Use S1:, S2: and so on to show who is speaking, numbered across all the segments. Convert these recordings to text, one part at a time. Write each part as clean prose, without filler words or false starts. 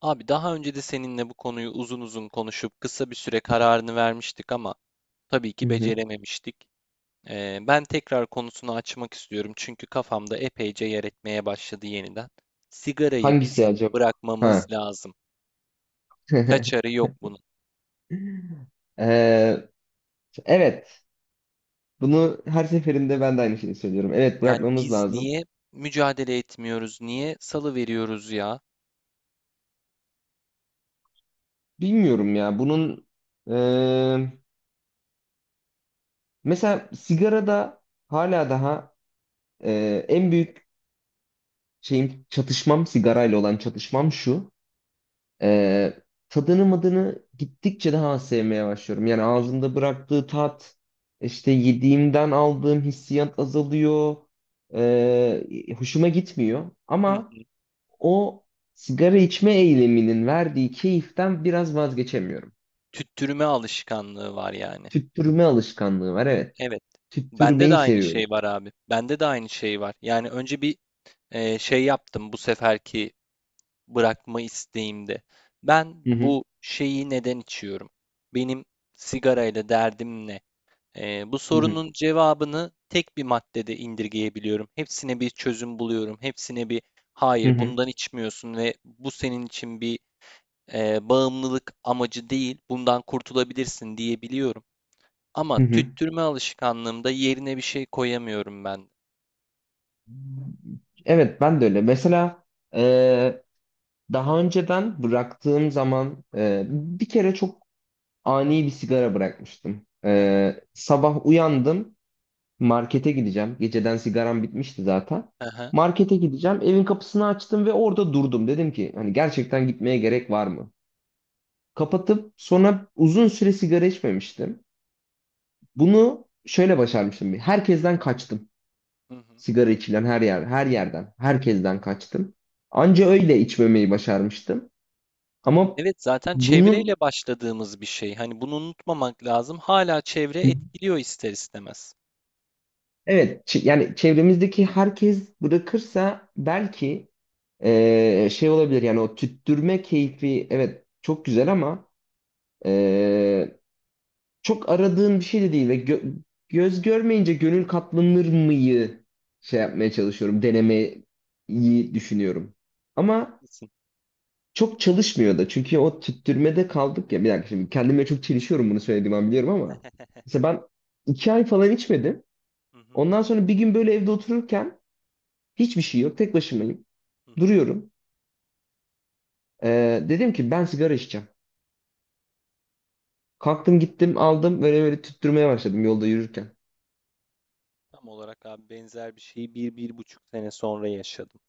S1: Abi daha önce de seninle bu konuyu uzun uzun konuşup kısa bir süre kararını vermiştik ama tabii
S2: Hı
S1: ki
S2: hı.
S1: becerememiştik. Ben tekrar konusunu açmak istiyorum çünkü kafamda epeyce yer etmeye başladı yeniden. Sigarayı
S2: Hangisi
S1: bizim
S2: acaba?
S1: bırakmamız
S2: Ha.
S1: lazım. Kaçarı yok bunun.
S2: Ee, evet, bunu her seferinde ben de aynı şeyi söylüyorum. Evet,
S1: Yani
S2: bırakmamız
S1: biz
S2: lazım.
S1: niye mücadele etmiyoruz, niye salı veriyoruz ya?
S2: Bilmiyorum ya, bunun e, mesela sigarada hala daha en büyük şeyim çatışmam sigarayla olan çatışmam şu. Ee, Tadını madını gittikçe daha sevmeye başlıyorum.
S1: Hı
S2: Yani
S1: hı,
S2: ağzımda bıraktığı tat, işte yediğimden aldığım hissiyat azalıyor. Ee, Hoşuma gitmiyor.
S1: hı
S2: Ama
S1: hı.
S2: o sigara içme eyleminin verdiği keyiften biraz vazgeçemiyorum.
S1: Tüttürme alışkanlığı var yani.
S2: Tüttürme alışkanlığı var, evet.
S1: Evet. Bende de
S2: Tüttürmeyi
S1: aynı
S2: seviyorum.
S1: şey var abi. Bende de aynı şey var. Yani önce bir, şey yaptım bu seferki bırakma isteğimde. Ben
S2: Hı hı,
S1: bu şeyi neden içiyorum? Benim sigarayla derdim ne? Bu
S2: hı hı,
S1: sorunun cevabını tek bir maddede indirgeyebiliyorum. Hepsine bir çözüm buluyorum. Hepsine bir
S2: hı
S1: hayır,
S2: hı,
S1: bundan içmiyorsun ve bu senin için bir bağımlılık amacı değil. Bundan kurtulabilirsin diyebiliyorum. Ama
S2: hı hı.
S1: tüttürme alışkanlığımda yerine bir şey koyamıyorum ben.
S2: Evet, ben de öyle. Mesela e, daha önceden bıraktığım zaman bir kere çok ani bir sigara bırakmıştım.
S1: Hı hı,
S2: Sabah uyandım. Markete gideceğim. Geceden sigaram bitmişti zaten.
S1: hı hı,
S2: Markete gideceğim. Evin kapısını açtım ve orada durdum. Dedim ki hani gerçekten gitmeye gerek var mı? Kapatıp sonra uzun süre sigara içmemiştim. Bunu şöyle başarmıştım. Bir. Herkesten kaçtım.
S1: hı hı.
S2: Sigara içilen her yer, her yerden, herkesten kaçtım. Anca öyle içmemeyi başarmıştım. Ama
S1: Evet, zaten
S2: bunun.
S1: çevreyle başladığımız bir şey. Hani bunu unutmamak lazım. Hala çevre etkiliyor ister istemez.
S2: Evet, yani çevremizdeki herkes bırakırsa belki şey olabilir yani o tüttürme keyfi evet çok güzel ama eee, çok aradığın bir şey de değil ve göz görmeyince gönül katlanır mıyı şey yapmaya çalışıyorum denemeyi düşünüyorum. Ama
S1: Haklısın.
S2: çok çalışmıyor da çünkü o tüttürmede kaldık ya bir dakika şimdi kendime çok çelişiyorum bunu söylediğim an biliyorum ama mesela ben iki ay falan içmedim.
S1: Hı hı,
S2: Ondan sonra bir gün böyle evde otururken hiçbir şey yok. Tek başımayım.
S1: hı hı.
S2: Duruyorum. Dedim ki ben sigara içeceğim. Kalktım gittim aldım böyle böyle tüttürmeye başladım yolda yürürken.
S1: Tam olarak abi benzer bir şeyi bir, bir buçuk sene sonra yaşadım.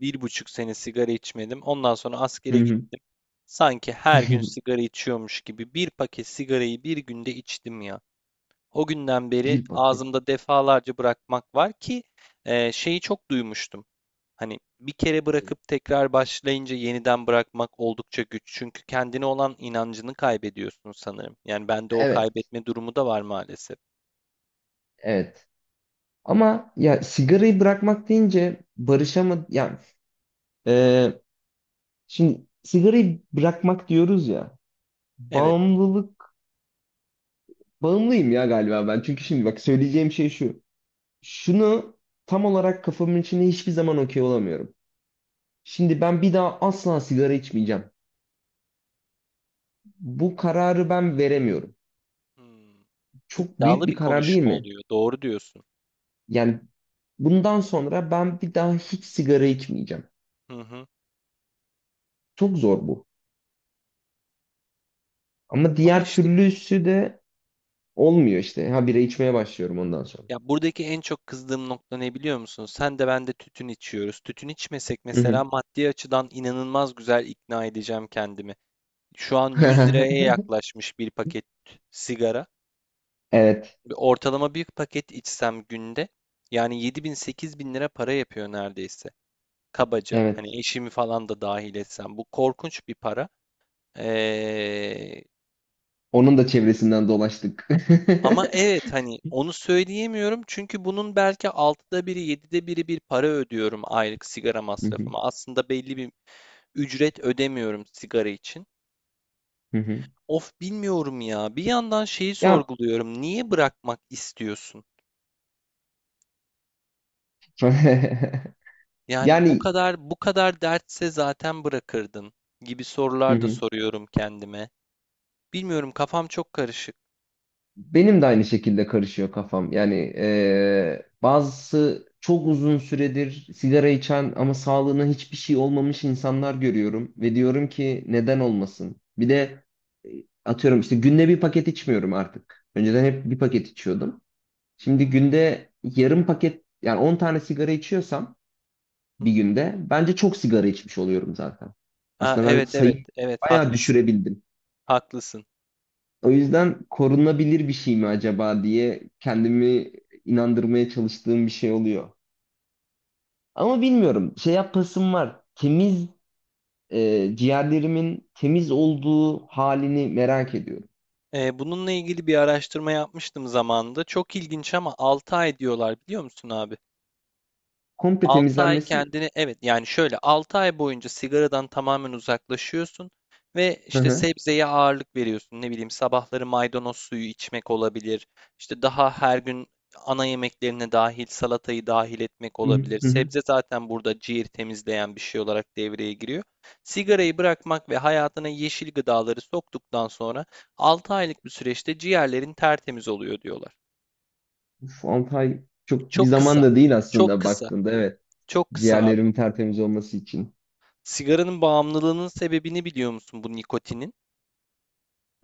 S1: Bir buçuk sene sigara içmedim. Ondan sonra
S2: Hı
S1: askere
S2: hı.
S1: gittim. Sanki her gün sigara içiyormuş gibi bir paket sigarayı bir günde içtim ya. O günden beri
S2: Bir paket.
S1: ağzımda defalarca bırakmak var ki şeyi çok duymuştum. Hani bir kere bırakıp tekrar başlayınca yeniden bırakmak oldukça güç. Çünkü kendine olan inancını kaybediyorsun sanırım. Yani bende o
S2: Evet.
S1: kaybetme durumu da var maalesef.
S2: Evet. Ama ya sigarayı bırakmak deyince barışamadım. Yani, e, şimdi sigarayı bırakmak diyoruz ya.
S1: Evet.
S2: Bağımlılık. Bağımlıyım ya galiba ben. Çünkü şimdi bak söyleyeceğim şey şu. Şunu tam olarak kafamın içine hiçbir zaman okey olamıyorum. Şimdi ben bir daha asla sigara içmeyeceğim. Bu kararı ben veremiyorum.
S1: Hmm.
S2: Çok büyük
S1: İddialı bir
S2: bir karar değil
S1: konuşma
S2: mi?
S1: oluyor. Doğru diyorsun.
S2: Yani bundan sonra ben bir daha hiç sigara içmeyeceğim.
S1: Hı hı.
S2: Çok zor bu. Ama
S1: Ama
S2: diğer
S1: işte
S2: türlüsü de olmuyor işte. Ha bira içmeye başlıyorum ondan sonra.
S1: ya, buradaki en çok kızdığım nokta ne biliyor musun? Sen de ben de tütün içiyoruz. Tütün içmesek
S2: Hı
S1: mesela
S2: hı.
S1: maddi açıdan inanılmaz güzel ikna edeceğim kendimi. Şu an 100 liraya yaklaşmış bir paket sigara.
S2: Evet,
S1: Ortalama bir paket içsem günde, yani 7000 bin lira para yapıyor neredeyse. Kabaca.
S2: evet.
S1: Hani eşimi falan da dahil etsem. Bu korkunç bir para. Ee,
S2: Onun da çevresinden dolaştık.
S1: ama evet, hani onu söyleyemiyorum çünkü bunun belki altıda biri, 7'de biri bir para ödüyorum aylık sigara
S2: Hı hı,
S1: masrafıma. Aslında belli bir ücret ödemiyorum sigara için.
S2: hı hı.
S1: Of, bilmiyorum ya. Bir yandan şeyi
S2: Ya
S1: sorguluyorum. Niye bırakmak istiyorsun? Yani bu
S2: yani
S1: kadar bu kadar dertse zaten bırakırdın gibi
S2: hı
S1: sorular da
S2: hı.
S1: soruyorum kendime. Bilmiyorum, kafam çok karışık.
S2: Benim de aynı şekilde karışıyor kafam. Yani bazısı çok uzun süredir sigara içen ama sağlığına hiçbir şey olmamış insanlar görüyorum ve diyorum ki neden olmasın? Bir de e, atıyorum işte günde bir paket içmiyorum artık. Önceden hep bir paket içiyordum. Şimdi günde yarım paket yani 10 tane sigara içiyorsam
S1: Hı
S2: bir
S1: hı.
S2: günde bence çok sigara içmiş oluyorum zaten.
S1: Ha,
S2: Aslında ben
S1: evet, evet,
S2: sayıyı
S1: evet,
S2: bayağı
S1: haklısın
S2: düşürebildim.
S1: haklısın.
S2: O yüzden korunabilir bir şey mi acaba diye kendimi inandırmaya çalıştığım bir şey oluyor. Ama bilmiyorum. Şey yapasım var. Temiz ciğerlerimin temiz olduğu halini merak ediyorum.
S1: Bununla ilgili bir araştırma yapmıştım zamanında. Çok ilginç ama 6 ay diyorlar, biliyor musun abi?
S2: Komple
S1: 6 ay
S2: temizlenmesi mi?
S1: kendini, evet, yani şöyle, 6 ay boyunca sigaradan tamamen uzaklaşıyorsun ve
S2: Hı
S1: işte
S2: hı.
S1: sebzeye ağırlık veriyorsun. Ne bileyim, sabahları maydanoz suyu içmek olabilir. İşte daha her gün ana yemeklerine dahil salatayı dahil etmek
S2: Hı hı.
S1: olabilir.
S2: Hı hı.
S1: Sebze zaten burada ciğer temizleyen bir şey olarak devreye giriyor. Sigarayı bırakmak ve hayatına yeşil gıdaları soktuktan sonra 6 aylık bir süreçte ciğerlerin tertemiz oluyor diyorlar.
S2: Uf, 6 ay çok bir
S1: Çok kısa.
S2: zaman da değil
S1: Çok
S2: aslında
S1: kısa.
S2: baktığında. Evet.
S1: Çok kısa.
S2: Ciğerlerimin tertemiz olması için.
S1: Sigaranın bağımlılığının sebebini biliyor musun, bu nikotinin?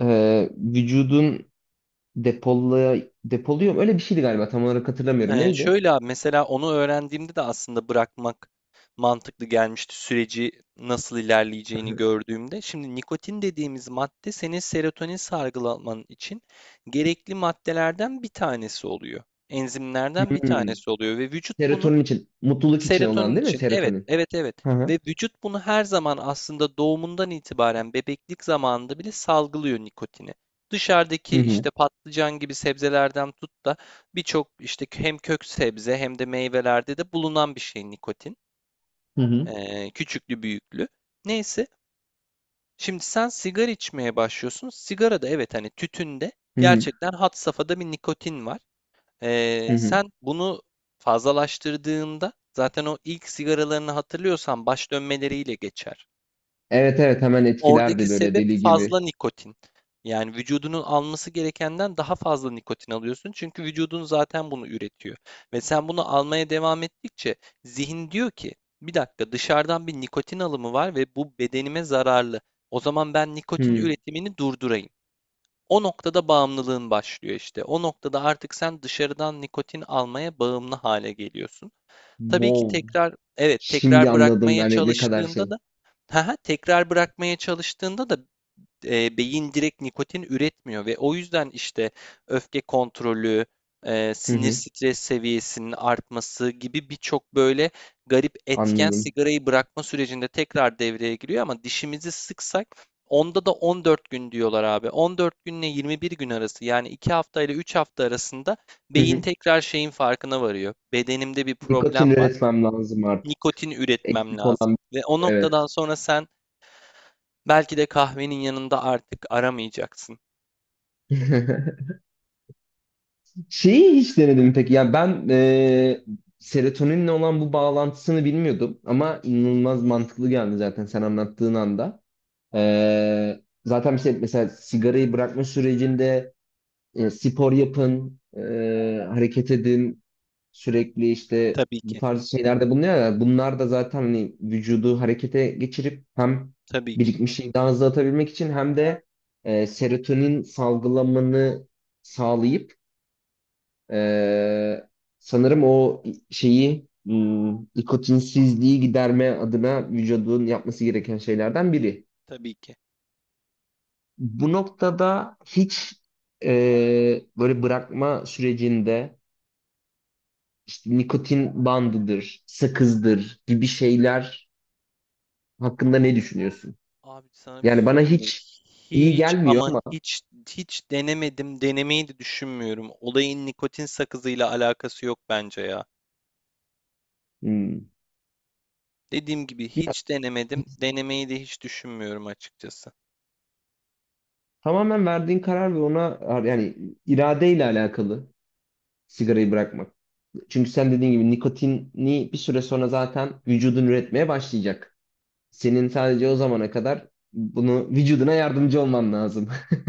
S2: Vücudun depoluyor. Öyle bir şeydi galiba. Tam olarak hatırlamıyorum.
S1: Ee,
S2: Neydi?
S1: şöyle abi, mesela onu öğrendiğimde de aslında bırakmak mantıklı gelmişti, süreci nasıl ilerleyeceğini gördüğümde. Şimdi nikotin dediğimiz madde senin serotonin salgılaman için gerekli maddelerden bir tanesi oluyor. Enzimlerden bir
S2: Hı.
S1: tanesi oluyor ve vücut bunu.
S2: Serotonin için, mutluluk için
S1: Serotonin
S2: olan değil mi
S1: için. Evet,
S2: serotonin?
S1: evet, evet.
S2: Hı hı.
S1: Ve vücut bunu her zaman, aslında doğumundan itibaren bebeklik zamanında bile salgılıyor nikotini.
S2: Hı
S1: Dışarıdaki
S2: hı.
S1: işte patlıcan gibi sebzelerden tut da birçok işte hem kök sebze hem de meyvelerde de bulunan bir şey nikotin.
S2: Hı hı.
S1: Küçüklü büyüklü. Neyse. Şimdi sen sigara içmeye başlıyorsun. Sigarada, evet, hani tütünde
S2: Hı hı.
S1: gerçekten had safhada bir nikotin var.
S2: Hı
S1: Ee,
S2: hı.
S1: sen bunu fazlalaştırdığında zaten o ilk sigaralarını hatırlıyorsan baş dönmeleriyle geçer.
S2: Evet evet hemen
S1: Oradaki
S2: etkilerdi böyle
S1: sebep
S2: deli gibi.
S1: fazla nikotin. Yani vücudunun alması gerekenden daha fazla nikotin alıyorsun. Çünkü vücudun zaten bunu üretiyor. Ve sen bunu almaya devam ettikçe zihin diyor ki bir dakika, dışarıdan bir nikotin alımı var ve bu bedenime zararlı. O zaman ben nikotin
S2: Hı.
S1: üretimini durdurayım. O noktada bağımlılığın başlıyor işte. O noktada artık sen dışarıdan nikotin almaya bağımlı hale geliyorsun. Tabii ki
S2: Wow.
S1: tekrar, evet,
S2: Şimdi
S1: tekrar
S2: anladım
S1: bırakmaya
S2: yani ne kadar
S1: çalıştığında
S2: şey.
S1: da tekrar bırakmaya çalıştığında da beyin direkt nikotin üretmiyor ve o yüzden işte öfke kontrolü, e,
S2: Hı
S1: sinir
S2: hı.
S1: stres seviyesinin artması gibi birçok böyle garip etken
S2: Anladım.
S1: sigarayı bırakma sürecinde tekrar devreye giriyor ama dişimizi sıksak onda da 14 gün diyorlar abi. 14 günle 21 gün arası, yani 2 hafta ile 3 hafta arasında
S2: Hı
S1: beyin
S2: hı.
S1: tekrar şeyin farkına varıyor. Bedenimde bir
S2: Nikotin
S1: problem var.
S2: üretmem lazım artık.
S1: Nikotin üretmem
S2: Eksik
S1: lazım.
S2: olan
S1: Ve o
S2: evet.
S1: noktadan sonra sen belki de kahvenin yanında artık aramayacaksın.
S2: Şeyi hiç denedim peki. Ya ben serotoninle olan bu bağlantısını bilmiyordum ama inanılmaz mantıklı geldi zaten sen anlattığın anda. Zaten işte mesela sigarayı bırakma sürecinde spor yapın, hareket edin, sürekli işte
S1: Tabii
S2: bu
S1: ki.
S2: tarz şeylerde bulunuyorlar. Bunlar da zaten hani vücudu harekete geçirip hem
S1: Tabii ki.
S2: birikmişliği daha hızlı atabilmek için hem de serotonin salgılamanı sağlayıp e, sanırım o şeyi nikotinsizliği giderme adına vücudun yapması gereken şeylerden biri.
S1: Tabii ki.
S2: Bu noktada hiç böyle bırakma sürecinde işte nikotin bandıdır, sakızdır gibi şeyler hakkında ne düşünüyorsun?
S1: Abi, sana bir şey
S2: Yani bana
S1: söyleyeyim mi?
S2: hiç iyi
S1: Hiç
S2: gelmiyor
S1: ama
S2: ama
S1: hiç, hiç denemedim. Denemeyi de düşünmüyorum. Olayın nikotin sakızıyla alakası yok bence ya.
S2: hmm,
S1: Dediğim gibi
S2: bir-
S1: hiç denemedim. Denemeyi de hiç düşünmüyorum açıkçası.
S2: tamamen verdiğin karar ve ona yani iradeyle alakalı sigarayı bırakmak. Çünkü sen dediğin gibi nikotini bir süre sonra zaten vücudun üretmeye başlayacak. Senin sadece o
S1: Hı?
S2: zamana kadar bunu vücuduna yardımcı olman lazım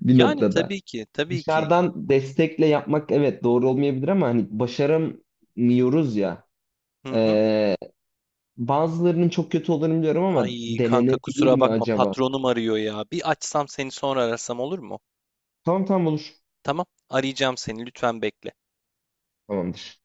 S2: bir
S1: Yani
S2: noktada.
S1: tabii ki. Tabii ki.
S2: Dışarıdan destekle yapmak evet doğru olmayabilir ama hani başaramıyoruz ya.
S1: Hı hı.
S2: Ee, Bazılarının çok kötü olduğunu biliyorum
S1: Ay
S2: ama
S1: kanka,
S2: denenebilir
S1: kusura
S2: mi
S1: bakma,
S2: acaba?
S1: patronum arıyor ya. Bir açsam seni, sonra arasam, olur mu?
S2: Tamam tamam olur.
S1: Tamam. Arayacağım seni. Lütfen bekle.
S2: Tamamdır.